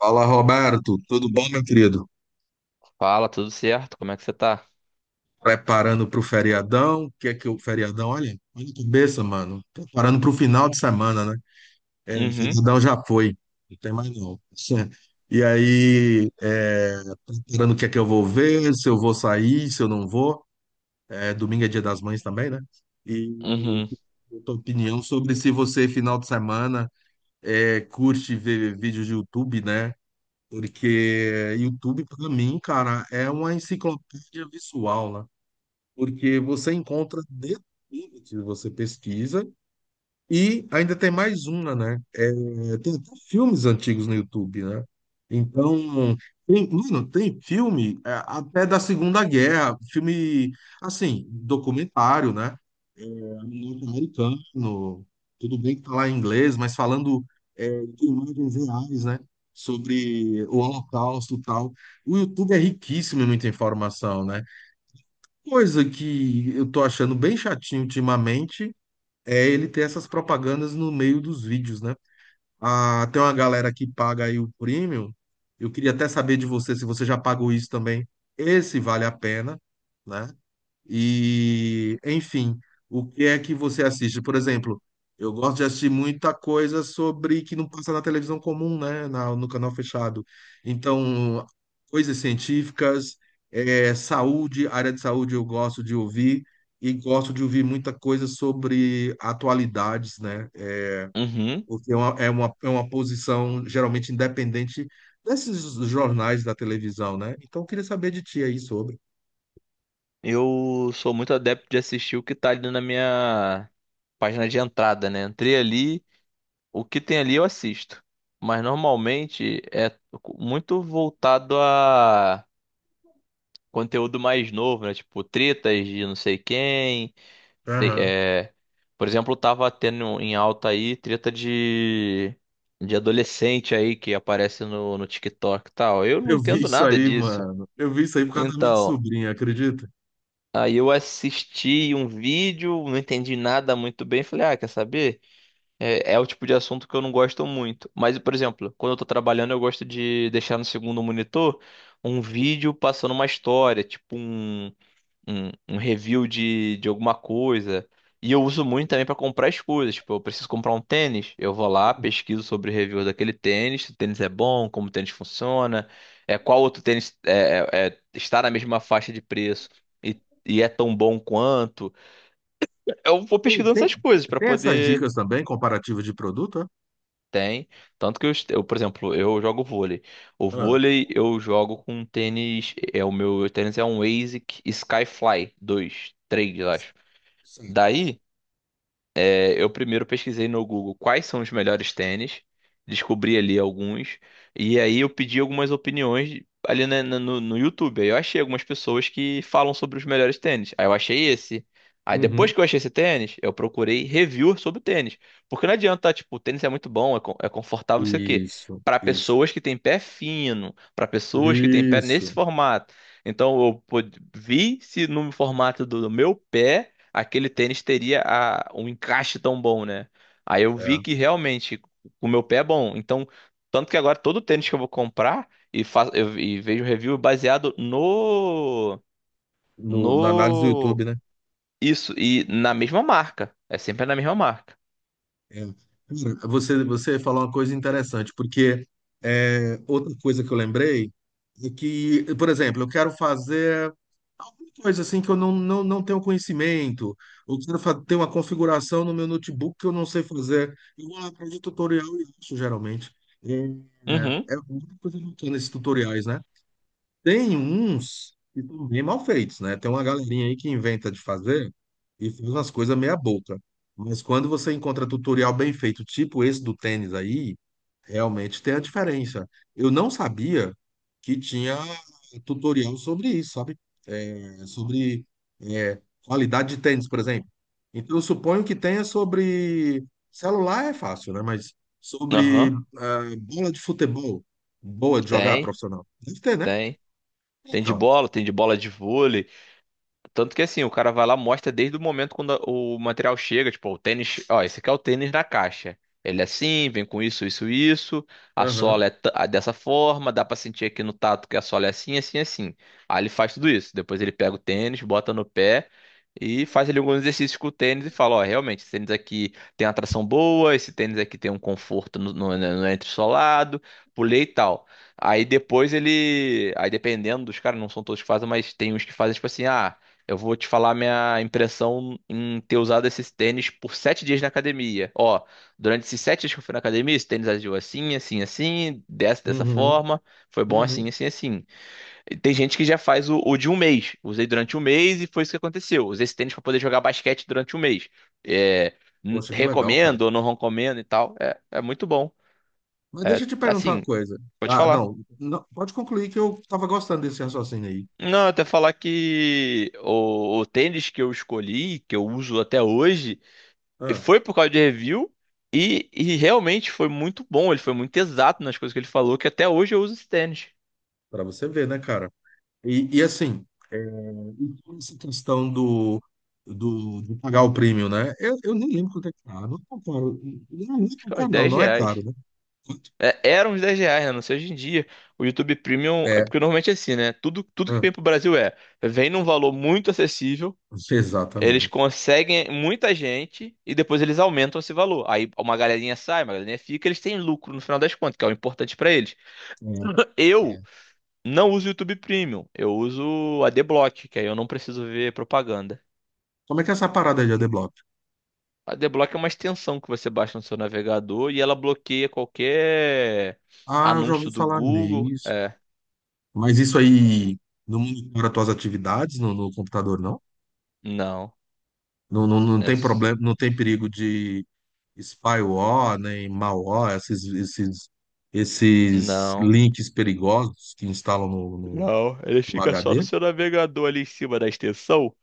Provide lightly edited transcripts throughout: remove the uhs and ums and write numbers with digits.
Fala, Roberto. Tudo bom, meu querido? Fala, tudo certo? Como é que você tá? Preparando para o feriadão? O que é que o feriadão? Olha, olha que cabeça, mano. Preparando para o final de semana, né? É, o Uhum, feriadão já foi. Não tem mais não. E aí, preparando o que é que eu vou ver, se eu vou sair, se eu não vou. É, domingo é Dia das Mães também, né? E uhum, a tua opinião sobre se você, final de semana, curte ver vídeos de YouTube, né? Porque YouTube, para mim, cara, é uma enciclopédia visual, né? Porque você encontra de tudo que você pesquisa e ainda tem mais uma, né? É, tem até filmes antigos no YouTube, né? Então, tem, mano, tem filme até da Segunda Guerra, filme, assim, documentário, né? Norte-americano, tudo bem que tá lá em inglês, mas falando de imagens reais, né? Sobre o Holocausto e tal. O YouTube é riquíssimo em muita informação, né? Coisa que eu tô achando bem chatinho ultimamente é ele ter essas propagandas no meio dos vídeos, né? Ah, tem uma galera que paga aí o premium. Eu queria até saber de você se você já pagou isso também. Esse vale a pena, né? E, enfim, o que é que você assiste? Por exemplo, eu gosto de assistir muita coisa sobre que não passa na televisão comum, né? No canal fechado. Então, coisas científicas, saúde, área de saúde eu gosto de ouvir e gosto de ouvir muita coisa sobre atualidades, né? uhum. Porque é uma posição geralmente independente desses jornais da televisão, né? Então, eu queria saber de ti aí sobre. Eu sou muito adepto de assistir o que tá ali na minha página de entrada, né? Entrei ali, o que tem ali eu assisto. Mas normalmente é muito voltado a conteúdo mais novo, né? Tipo, tretas de não sei quem. sei- é, Por exemplo, tava tendo em alta aí treta de adolescente aí que aparece no TikTok e tal. Eu não Eu vi entendo isso nada aí, disso. mano. Eu vi isso aí por causa da minha Então, sobrinha, acredita? aí eu assisti um vídeo, não entendi nada muito bem. Falei, ah, quer saber? É o tipo de assunto que eu não gosto muito. Mas, por exemplo, quando eu tô trabalhando, eu gosto de deixar no segundo monitor um vídeo passando uma história, tipo um review de alguma coisa. E eu uso muito também para comprar as coisas. Tipo, eu preciso comprar um tênis, eu vou lá, pesquiso sobre o review daquele tênis, se o tênis é bom, como o tênis funciona, é, qual outro tênis está na mesma faixa de preço e, e é tão bom quanto. Eu vou Tem, pesquisando tem, essas coisas para tem essas poder. dicas também, comparativa de produto? É? Tem. Tanto que eu, por exemplo, eu jogo vôlei. O Ah, vôlei eu jogo com um tênis. É, o meu tênis é um Asics Skyfly 23, eu acho. sim. Daí. É, eu primeiro pesquisei no Google quais são os melhores tênis, descobri ali alguns, e aí eu pedi algumas opiniões ali no YouTube. Aí eu achei algumas pessoas que falam sobre os melhores tênis. Aí eu achei esse. Aí depois Uhum. que eu achei esse tênis, eu procurei review sobre o tênis. Porque não adianta, tá, tipo, o tênis é muito bom, é, é confortável, não sei o quê. Isso, Para isso, pessoas que têm pé fino, para pessoas que têm pé nesse isso. formato. Então eu vi se no formato do meu pé aquele tênis teria um encaixe tão bom, né? Aí eu vi É. que realmente o meu pé é bom. Então, tanto que agora todo tênis que eu vou comprar e, e vejo review baseado no No, na análise do no YouTube, né? isso e na mesma marca. É sempre na mesma marca. É. Cara, você falou uma coisa interessante, porque outra coisa que eu lembrei é que, por exemplo, eu quero fazer. Coisa assim que eu não tenho conhecimento, ou ter uma configuração no meu notebook que eu não sei fazer. Eu vou lá atrás de tutorial e acho, geralmente. É, é Uhum. é muita coisa bacana esses tutoriais, né? Tem uns que são bem mal feitos, né? Tem uma galerinha aí que inventa de fazer e faz umas coisas meia boca. Mas quando você encontra tutorial bem feito, tipo esse do tênis aí, realmente tem a diferença. Eu não sabia que tinha tutorial sobre isso, sabe? É, sobre é, qualidade de tênis, por exemplo. Então, eu suponho que tenha sobre. Celular é fácil, né? Mas sobre Aham. ah, bola de futebol, boa de jogar Tem, profissional. Deve ter, né? tem. Então. Tem de bola de vôlei. Tanto que assim, o cara vai lá, mostra desde o momento quando o material chega, tipo, o tênis, ó, esse aqui é o tênis na caixa. Ele é assim, vem com isso, isso, isso. A Aham. sola é dessa forma, dá pra sentir aqui no tato que a sola é assim, assim, assim. Aí ele faz tudo isso. Depois ele pega o tênis, bota no pé e faz ali alguns exercícios com o tênis e fala, ó, realmente, esse tênis aqui tem uma tração boa, esse tênis aqui tem um conforto no entressolado, pulei e tal. Aí depois ele. Aí dependendo dos caras, não são todos que fazem, mas tem uns que fazem tipo assim, ah. Eu vou te falar minha impressão em ter usado esses tênis por 7 dias na academia. Ó, durante esses 7 dias que eu fui na academia, esse tênis agiu assim, assim, assim, dessa, dessa Uhum. forma. Foi bom Uhum. assim, assim, assim. E tem gente que já faz o de um mês. Usei durante um mês e foi isso que aconteceu. Usei esse tênis para poder jogar basquete durante um mês. É, Poxa, que legal, cara. recomendo ou não recomendo e tal. É, é muito bom. Mas É, deixa eu te perguntar uma assim, coisa. vou te Ah, falar. não, não. Pode concluir que eu tava gostando desse raciocínio aí. Não, até falar que o tênis que eu escolhi, que eu uso até hoje. Ah, Foi por causa de review e realmente foi muito bom. Ele foi muito exato nas coisas que ele falou, que até hoje eu uso esse tênis. para você ver, né, cara? E assim, essa questão de pagar o prêmio, né? Eu nem lembro quanto é caro. Não é tão caro. Não, não é Acho tão que é uns caro, não. 10 Não é reais. caro, né? Quanto É, eram uns 10 reais, né? Não sei hoje em dia. O YouTube Premium, é é. porque normalmente é assim, né? Tudo que Ah, vem pro Brasil é, vem num valor muito acessível, eles exatamente. conseguem muita gente e depois eles aumentam esse valor. Aí uma galerinha sai, uma galerinha fica, eles têm lucro no final das contas, que é o importante pra eles. É, Eu é. não uso o YouTube Premium, eu uso a adblock, que aí eu não preciso ver propaganda. Como é que é essa parada aí de adblock? A D-Block é uma extensão que você baixa no seu navegador e ela bloqueia qualquer Ah, eu já anúncio ouvi do falar Google. nisso. É, Mas isso aí não monitora tuas atividades no, no computador, não? não, Não, não? Não é, tem problema, não tem perigo de spyware, nem malware, esses, esses, esses não, links perigosos que instalam no, não. Ele o fica só no HD? seu navegador ali em cima da extensão.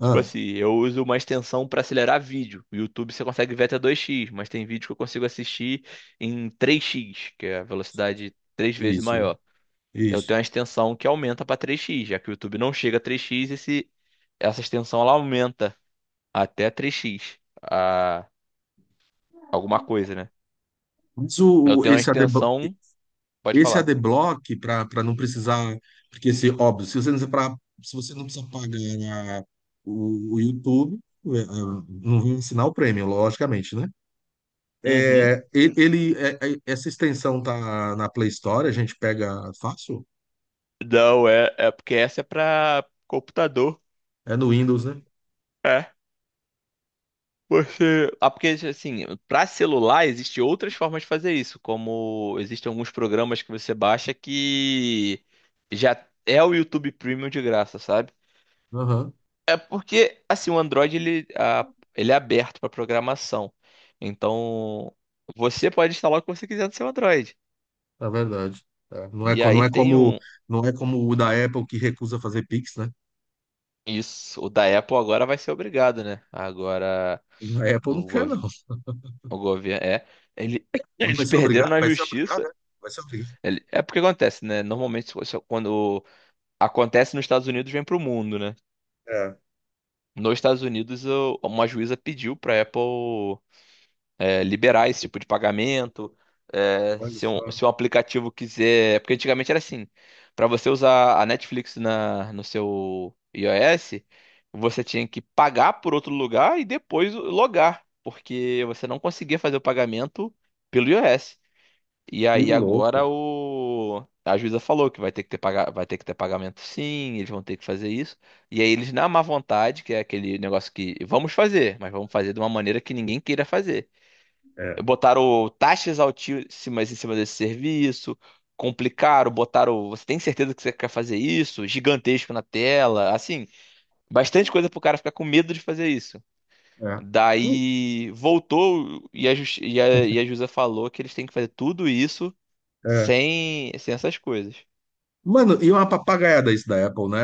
Tipo Ah, assim, eu uso uma extensão para acelerar vídeo. O YouTube você consegue ver até 2x, mas tem vídeo que eu consigo assistir em 3x, que é a velocidade três vezes isso, maior. Eu isso. tenho uma extensão que aumenta para 3x, já que o YouTube não chega a 3x. Essa extensão ela aumenta até 3x, a alguma coisa, né? Mas Eu tenho uma esse extensão, pode esse falar. AD Block, para para não precisar. Porque, se, óbvio, se você não precisa, se você não precisa o YouTube, é, é, não vai assinar o Premium, logicamente, né? Uhum. É, essa extensão tá na Play Store, a gente pega fácil? Não, é, é porque essa é pra computador. É no Windows, né? É. Você. Ah, porque assim, pra celular existem outras formas de fazer isso, como existem alguns programas que você baixa que já é o YouTube Premium de graça, sabe? Aham, É porque assim, o Android ele, ah, ele é aberto pra programação. Então, você pode instalar o que você quiser no seu Android. é verdade. É, E não aí é tem como, um. não é como o da Apple que recusa fazer Pix, né? Isso, o da Apple agora vai ser obrigado, né? Agora O da Apple não o, quer, gov- não. o governo é. ele- Não eles vai ser perderam obrigado? na Vai ser obrigado, justiça. é? Vai ser obrigado. É porque acontece, né? Normalmente, quando acontece nos Estados Unidos, vem pro mundo, né? É, Nos Estados Unidos, uma juíza pediu pra Apple. É, liberar esse tipo de pagamento. É, olha se um, só. se um aplicativo quiser. Porque antigamente era assim: para você usar a Netflix no seu iOS, você tinha que pagar por outro lugar e depois logar, porque você não conseguia fazer o pagamento pelo iOS. E Que aí louco. agora o a juíza falou que vai ter que ter pagamento, sim, eles vão ter que fazer isso. E aí eles, na má vontade, que é aquele negócio que vamos fazer, mas vamos fazer de uma maneira que ninguém queira fazer, É, botaram taxas altíssimas em cima desse serviço, complicaram, botaram, você tem certeza que você quer fazer isso? Gigantesco na tela, assim, bastante coisa pro cara ficar com medo de fazer isso. é. Hum, Daí voltou e a, justi- e a Jusa falou que eles têm que fazer tudo isso É. sem essas coisas. Mano, e uma papagaiada isso da Apple, né?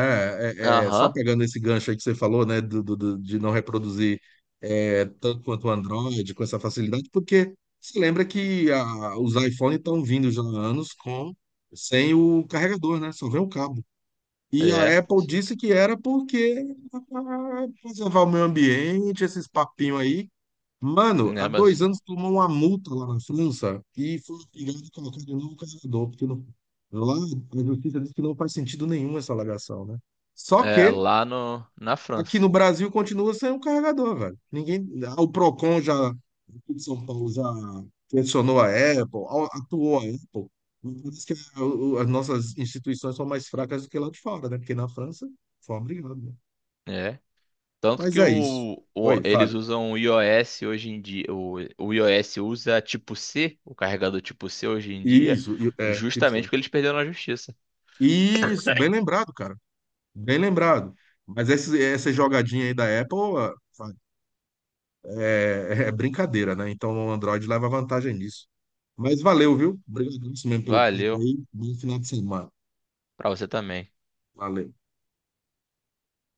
É, é, só Aham, pegando esse gancho aí que você falou, né? De não reproduzir tanto quanto o Android, com essa facilidade, porque se lembra que os iPhones estão vindo já há anos com, sem o carregador, né? Só vem o cabo. E a é, Apple disse que era porque preservar o meio ambiente, esses papinhos aí. Mano, há né, dois mas anos tomou uma multa lá na França e foi obrigado a colocar de novo o carregador, porque lá a justiça diz que não faz sentido nenhum essa alegação, né? Só é que lá no, na aqui França. no Brasil continua sem o carregador, velho. Ninguém, ah, o Procon já, aqui de São Paulo já pressionou a Apple, atuou a Apple. Mas parece que as nossas instituições são mais fracas do que lá de fora, né? Porque na França foi obrigado, né? Tanto Mas que é isso. Oi, eles Fábio. usam o iOS hoje em dia, o iOS usa tipo C, o carregador tipo C hoje em dia, Isso, é, chips. justamente porque eles perderam na justiça. Isso, bem lembrado, cara. Bem lembrado. Mas essa jogadinha aí da Apple é brincadeira, né? Então o Android leva vantagem nisso. Mas valeu, viu? Obrigado mesmo pelo papo Valeu, aí. Bom final de semana. pra você também. Valeu.